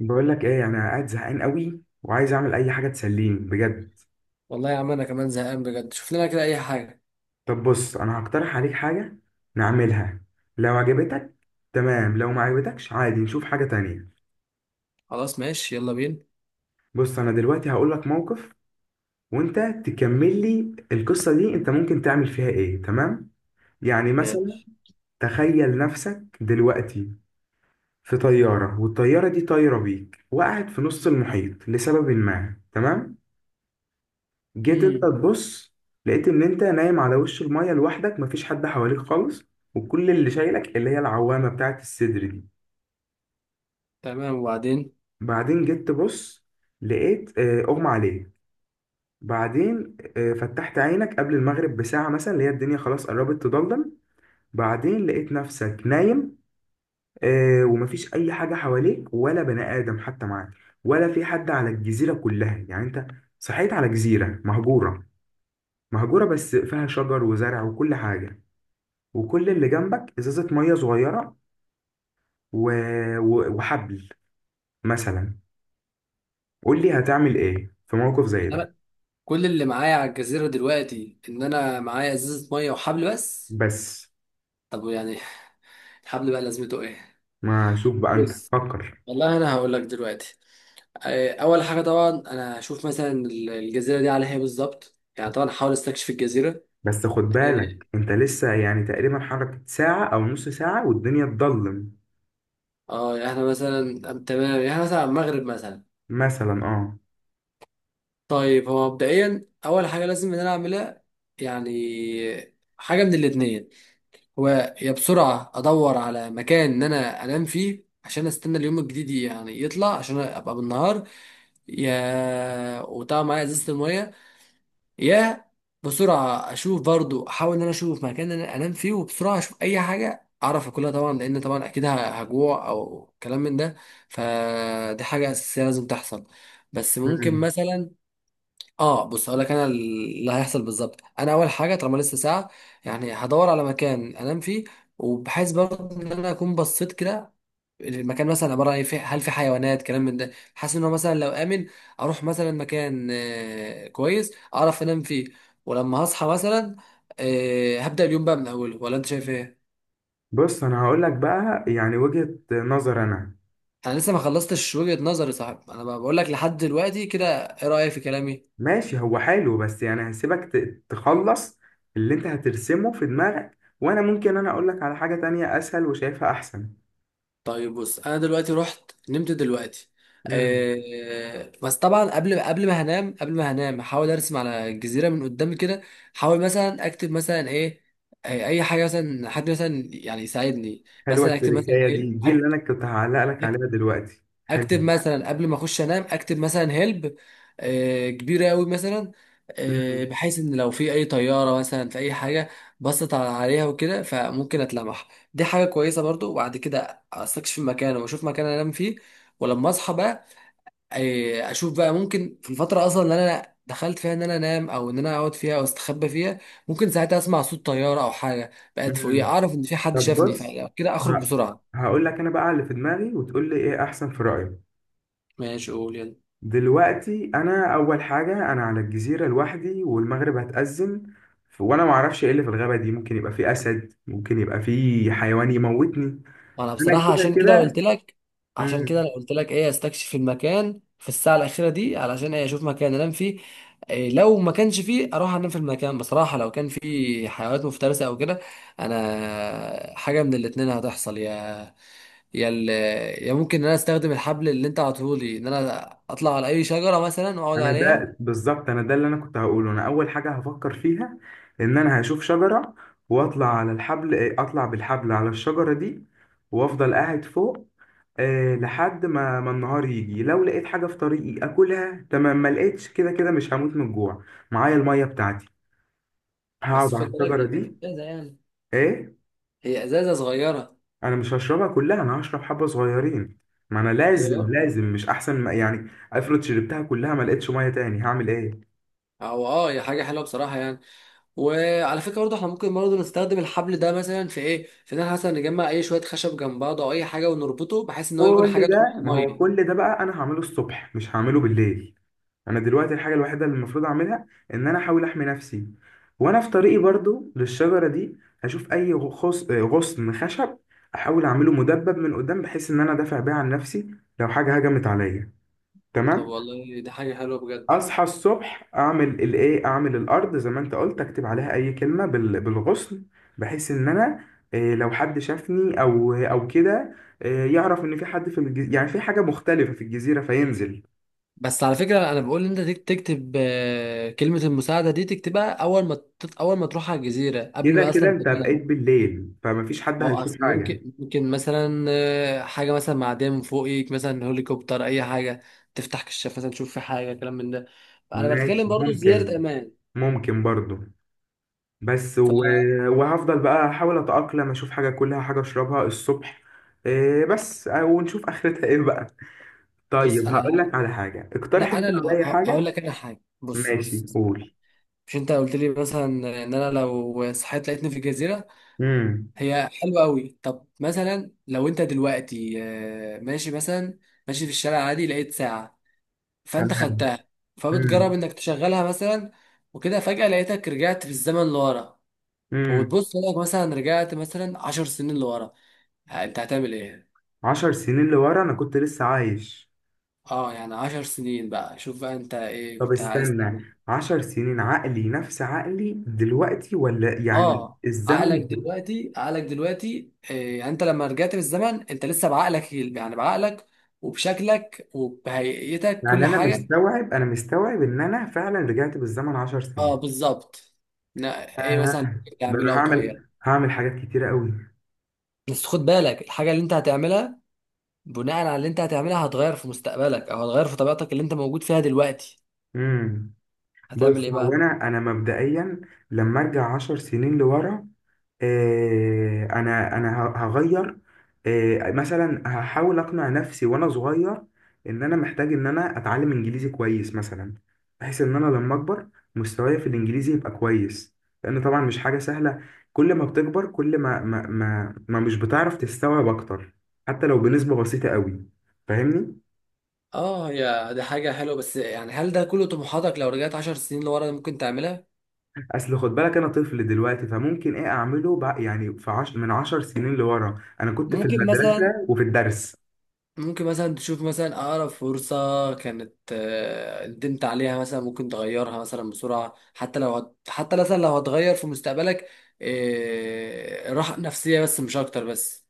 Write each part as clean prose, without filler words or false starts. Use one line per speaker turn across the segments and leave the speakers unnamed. بقول لك ايه، انا قاعد زهقان قوي وعايز اعمل اي حاجه تسليني بجد.
والله يا عم انا كمان زهقان بجد. شوف لنا كده اي حاجه.
طب بص، انا هقترح عليك حاجه نعملها لو عجبتك تمام. لو ما عجبتكش عادي نشوف حاجه تانية.
خلاص ماشي يلا بينا.
بص، انا دلوقتي هقول لك موقف وانت تكمل لي القصه دي، انت ممكن تعمل فيها ايه. تمام، يعني مثلا.
ماشي.
تخيل نفسك دلوقتي في طياره، والطياره دي طايره بيك وقعت في نص المحيط لسبب ما. تمام. جيت انت
امم
تبص، لقيت ان انت نايم على وش المية لوحدك، مفيش حد حواليك خالص، وكل اللي شايلك اللي هي العوامة بتاعت الصدر دي.
تمام وبعدين؟
بعدين جيت تبص، لقيت اغمى عليك. بعدين فتحت عينك قبل المغرب بساعة مثلا، اللي هي الدنيا خلاص قربت تضلم. بعدين لقيت نفسك نايم، ومفيش أي حاجة حواليك ولا بني آدم حتى معاك. ولا في حد على الجزيرة كلها، يعني أنت صحيت على جزيرة مهجورة. مهجورة بس فيها شجر وزرع وكل حاجة. وكل اللي جنبك ازازه ميه صغيره و... وحبل مثلا. قول لي هتعمل ايه في موقف زي ده؟
انا كل اللي معايا على الجزيره دلوقتي ان انا معايا ازازه ميه وحبل بس.
بس
طب يعني الحبل بقى لازمته ايه؟
ما شوف بقى، انت
بص
فكر.
والله انا هقول لك دلوقتي، اول حاجه طبعا انا هشوف مثلا الجزيره دي على ايه بالظبط، يعني طبعا هحاول استكشف الجزيره.
بس خد
اه،
بالك انت لسه يعني تقريبا حركة ساعة او نص ساعة والدنيا تضلم.
يعني احنا مثلا، تمام يعني إحنا مثلا على المغرب مثلا.
مثلا اه.
طيب هو مبدئيا اول حاجه لازم ان انا اعملها، يعني حاجه من الاتنين. هو يا بسرعه ادور على مكان ان انا انام فيه عشان استنى اليوم الجديد يعني يطلع عشان ابقى بالنهار، يا وطبعا معايا ازازه الميه، يا بسرعه اشوف برضو احاول ان انا اشوف مكان إن انا انام فيه وبسرعه اشوف اي حاجه اعرف اكلها، طبعا لان طبعا اكيد هجوع او كلام من ده. فدي حاجه اساسيه لازم تحصل. بس ممكن
مم.
مثلا، اه بص هقول لك انا اللي هيحصل بالظبط. انا اول حاجه طالما لسه ساعه، يعني هدور على مكان انام فيه، وبحيث برضه ان انا اكون بصيت كده المكان مثلا عباره عن هل في حيوانات كلام من ده، حاسس ان هو مثلا لو امن اروح مثلا مكان كويس اعرف انام فيه. ولما هصحى مثلا، هبدا اليوم بقى من اوله، ولا انت شايف ايه؟
بص، انا هقول لك بقى يعني وجهة نظر انا.
انا لسه ما خلصتش وجهه نظري صاحب، انا بقول لك لحد دلوقتي كده، ايه رايك في كلامي؟
ماشي، هو حلو بس يعني هسيبك تخلص اللي انت هترسمه في دماغك، وانا ممكن اقول لك على حاجة تانية اسهل وشايفها احسن.
طيب بص انا دلوقتي رحت نمت دلوقتي.
مم.
أه بس طبعا قبل ما هنام، قبل ما هنام احاول ارسم على الجزيره من قدام كده، احاول مثلا اكتب مثلا ايه، اي حاجه مثلا حد مثلا يعني يساعدني.
حلوة
مثلا اكتب مثلا
التركاية
ايه،
دي اللي
أكتب
أنا كنت هعلق لك عليها دلوقتي، حلو.
اكتب مثلا قبل ما اخش انام، اكتب مثلا هيلب، كبيره قوي مثلا،
مم.
بحيث ان لو في اي طياره مثلا في اي حاجه بصت عليها وكده فممكن اتلمح. دي حاجه كويسه برضو. وبعد كده استكشف المكان واشوف مكان انام فيه. ولما اصحى بقى، اشوف بقى ممكن في الفتره اصلا اللي انا دخلت فيها ان انا انام او ان انا اقعد فيها او استخبى فيها، ممكن ساعتها اسمع صوت طياره او حاجه بقت فوقيه
مم.
اعرف ان في حد
طب
شافني
بص،
فكده اخرج
ه-
بسرعه.
هقول لك أنا بقى اللي في دماغي، وتقول لي إيه أحسن في رأيك.
ماشي قول يلا.
دلوقتي أنا أول حاجة، أنا على الجزيرة لوحدي والمغرب هتأذن. وأنا معرفش إيه اللي في الغابة دي، ممكن يبقى فيه أسد، ممكن يبقى فيه حيوان يموتني.
انا
أنا
بصراحه
كده
عشان كده
كده.
قلت لك، عشان كده
مم.
انا قلت لك ايه استكشف المكان في الساعه الاخيره دي، علشان ايه؟ اشوف مكان انام فيه. إيه لو ما كانش فيه اروح انام في المكان بصراحه، لو كان فيه حيوانات مفترسه او كده انا حاجه من الاتنين هتحصل، يا يا ال... يا ممكن ان انا استخدم الحبل اللي انت عطولي ان انا اطلع على اي شجره مثلا واقعد
انا
عليها.
ده بالظبط، انا ده اللي انا كنت هقوله. انا اول حاجه هفكر فيها، ان انا هشوف شجره واطلع على الحبل، اطلع بالحبل على الشجره دي وافضل قاعد فوق لحد ما النهار يجي. لو لقيت حاجه في طريقي اكلها تمام، ما لقيتش كده كده مش هموت من الجوع. معايا الميه بتاعتي،
بس
هقعد
خد
على
بالك
الشجره
هي كانت
دي.
ازازه يعني،
ايه؟
هي ازازه صغيره.
انا مش هشربها كلها، انا هشرب حبه صغيرين. ما انا
هي
لازم مش احسن، ما يعني افرض شربتها كلها ما لقيتش ميه تاني هعمل ايه؟
او اه هي حاجه حلوه بصراحه يعني. وعلى فكره برضه احنا ممكن برضه نستخدم الحبل ده مثلا في ايه، في ان احنا مثلا نجمع اي شويه خشب جنب بعض او اي حاجه ونربطه بحيث ان هو يكون حاجه
كل
تعوم
ده،
في
ما هو
الميه.
كل ده بقى انا هعمله الصبح مش هعمله بالليل. انا دلوقتي الحاجه الوحيده اللي المفروض اعملها ان انا احاول احمي نفسي. وانا في طريقي برضو للشجره دي هشوف اي غصن خشب، احاول اعمله مدبب من قدام بحيث ان انا دافع بيه عن نفسي لو حاجه هجمت عليا.
طب
تمام.
والله دي حاجه حلوه بجد.
اصحى الصبح اعمل الارض زي ما انت قلت، اكتب عليها اي كلمه بالغصن، بحيث ان انا، لو حد شافني او كده يعرف ان في حد في الجزيره، يعني في حاجه مختلفه في الجزيره فينزل.
بس على فكرة أنا بقول إن أنت تكتب كلمة المساعدة دي تكتبها أول ما أول ما تروح على الجزيرة قبل
كده
ما
كده
أصلا
انت
تنام.
بقيت بالليل فمفيش حد
هو
هيشوف
أصل
حاجه.
ممكن مثلا حاجة مثلا معدية من فوقك مثلا هليكوبتر أي حاجة، تفتح كشاف مثلا تشوف في حاجة كلام من ده. أنا بتكلم
ماشي
برضو زيارة
ممكن.
أمان.
ممكن برضو. بس وهفضل بقى احاول اتاقلم، اشوف حاجه كلها حاجه اشربها الصبح. بس ونشوف اخرتها ايه بقى.
فبص
طيب هقول
أنا،
لك على حاجة، اقترح
لا
انت
انا اللي
عليا
هقول
حاجة.
لك انا حاجه، بص
ماشي،
بص
قول.
مش انت قلت لي مثلا ان انا لو صحيت لقيتني في جزيره،
امم.
هي حلوه قوي. طب مثلا لو انت دلوقتي، ماشي مثلا، ماشي في الشارع عادي لقيت ساعه، فانت
تمام.
خدتها، فبتجرب
امم.
انك تشغلها مثلا، وكده فجاه لقيتك رجعت في الزمن لورا،
امم.
وبتبص لك مثلا رجعت مثلا عشر سنين لورا، انت هتعمل ايه؟
10 سنين لورا انا كنت لسه عايش.
اه يعني عشر سنين بقى، شوف بقى انت ايه
طب
كنت عايز.
استنى، 10 سنين عقلي نفس عقلي دلوقتي ولا يعني
اه عقلك
الزمن؟
دلوقتي، عقلك دلوقتي، يعني انت لما رجعت بالزمن انت لسه بعقلك، يعني بعقلك وبشكلك وبهيئتك
يعني
كل
انا
حاجه.
مستوعب ان انا فعلا رجعت بالزمن عشر
اه
سنين
بالظبط. ايه مثلا
آه. ده انا
تعمله او تغيره؟
هعمل حاجات كتيرة قوي.
بس خد بالك الحاجه اللي انت هتعملها، بناء على اللي انت هتعملها هتغير في مستقبلك او هتغير في طبيعتك اللي انت موجود فيها دلوقتي.
امم.
هتعمل
بص،
ايه
هو
بقى؟
انا مبدئيا لما ارجع 10 سنين لورا، انا هغير. مثلا هحاول اقنع نفسي وانا صغير ان انا محتاج ان انا اتعلم انجليزي كويس مثلا، بحيث ان انا لما اكبر مستواي في الانجليزي يبقى كويس. لان طبعا مش حاجة سهلة، كل ما بتكبر كل ما مش بتعرف تستوعب اكتر حتى لو بنسبة بسيطة قوي، فاهمني.
اه، يا دي حاجه حلوه، بس يعني هل ده كله طموحاتك لو رجعت عشر سنين لورا ممكن تعملها؟
اصل خد بالك انا طفل دلوقتي، فممكن ايه اعمله بقى؟ يعني من 10 سنين لورا انا كنت في
ممكن مثلا
المدرسه وفي الدرس.
ممكن مثلا تشوف مثلا أقرب فرصة كانت ندمت عليها مثلا، ممكن تغيرها مثلا بسرعة، حتى لو حتى مثلا لو هتغير في مستقبلك، راحة نفسية بس مش أكتر بس.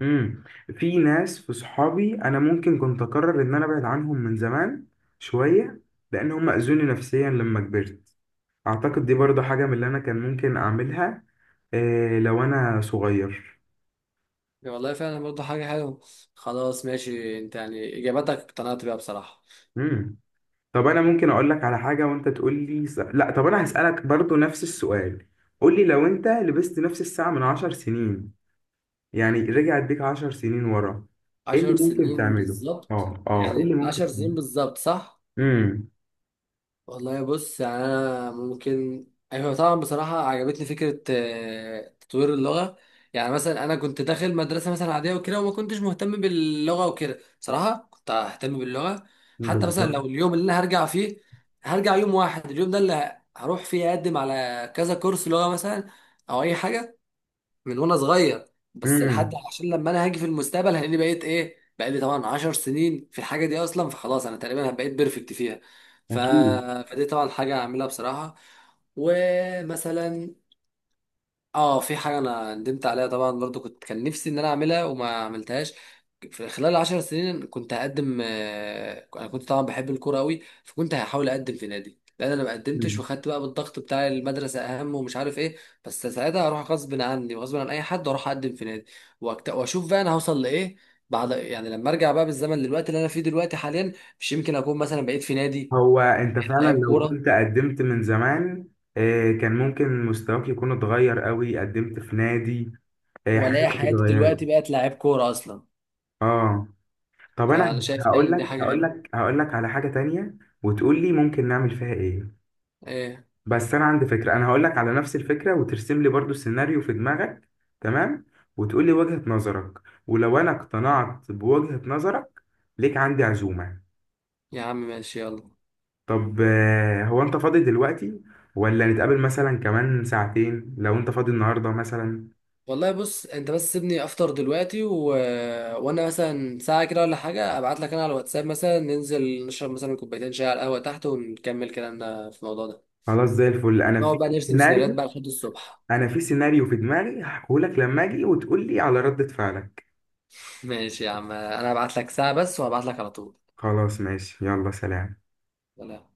امم. في ناس، في صحابي، انا ممكن كنت اقرر ان انا ابعد عنهم من زمان شويه، لان هم اذوني نفسيا لما كبرت. اعتقد دي برضو حاجه من اللي انا كان ممكن اعملها لو انا صغير.
يعني والله فعلا برضه حاجة حلوة. خلاص ماشي أنت يعني إجاباتك اقتنعت بيها بصراحة.
امم. طب انا ممكن اقول لك على حاجه وانت تقول لي لا، طب انا هسالك برضو نفس السؤال. قول لي، لو انت لبست نفس الساعه من 10 سنين، يعني رجعت بيك 10 سنين ورا، ايه
عشر
اللي ممكن
سنين
تعمله؟
بالظبط،
اه، اه، ايه اللي
يعني
ممكن
عشر سنين
تعمله؟
بالظبط صح؟
امم.
والله بص يعني انا ممكن، ايوه طبعا بصراحه عجبتني فكره تطوير اللغه. يعني مثلا انا كنت داخل مدرسه مثلا عاديه وكده وما كنتش مهتم باللغه وكده، بصراحه كنت ههتم باللغه حتى مثلا
بالظبط.
لو اليوم اللي انا هرجع فيه، هرجع يوم واحد اليوم ده اللي هروح فيه اقدم على كذا كورس لغه مثلا او اي حاجه، من وانا صغير، بس لحد
امم.
عشان لما انا هاجي في المستقبل هلاقيني بقيت ايه بقى، لي طبعا 10 سنين في الحاجه دي اصلا فخلاص انا تقريبا بقيت بيرفكت فيها. ف...
اكيد.
فدي طبعا حاجه هعملها بصراحه. ومثلا اه في حاجه انا ندمت عليها طبعا برضو، كنت كان نفسي ان انا اعملها وما عملتهاش، في خلال عشر سنين كنت هقدم، انا كنت طبعا بحب الكوره قوي فكنت هحاول اقدم في نادي، لان انا ما قدمتش
مم.
وخدت بقى بالضغط بتاع المدرسه اهم ومش عارف ايه. بس ساعتها هروح غصب عني وغصب عن اي حد واروح اقدم في نادي، واشوف بقى انا هوصل لايه، بعد يعني لما ارجع بقى بالزمن للوقت اللي انا فيه دلوقتي حاليا. مش يمكن اكون مثلا بقيت في نادي
هو انت فعلا
لعيب
لو
كوره،
كنت قدمت من زمان، كان ممكن مستواك يكون اتغير قوي. قدمت في نادي،
والاقي
حياتك
حياتي دلوقتي
اتغيرت.
بقت لعيب كوره اصلا.
اه. طب انا
فانا شايف يعني
هقول
إن دي
لك
حاجه
هقول
حلوه.
لك هقول لك على حاجة تانية وتقول لي ممكن نعمل فيها ايه.
ايه
بس انا عندي فكره، انا هقول لك على نفس الفكره وترسم لي برضو السيناريو في دماغك. تمام، وتقول لي وجهه نظرك، ولو انا اقتنعت بوجهه نظرك ليك عندي عزومه.
يا عم ماشي يلا.
طب هو انت فاضي دلوقتي، ولا نتقابل مثلا كمان ساعتين لو انت فاضي النهارده مثلا؟
والله بص انت بس سيبني افطر دلوقتي وانا مثلا ساعة كده ولا حاجة ابعت لك انا على الواتساب مثلا، ننزل نشرب مثلا كوبايتين شاي على القهوة تحت ونكمل كلامنا في الموضوع ده.
خلاص زي الفل. انا
نقعد بقى نرسم سيناريوهات
سيناريو
بقى لحد الصبح.
في سيناريو في دماغي هحكيهولك لما اجي، وتقول لي على ردة فعلك.
ماشي يا عم انا هبعت لك ساعة بس وهبعت لك على طول.
خلاص، ماشي، يلا سلام.
سلام.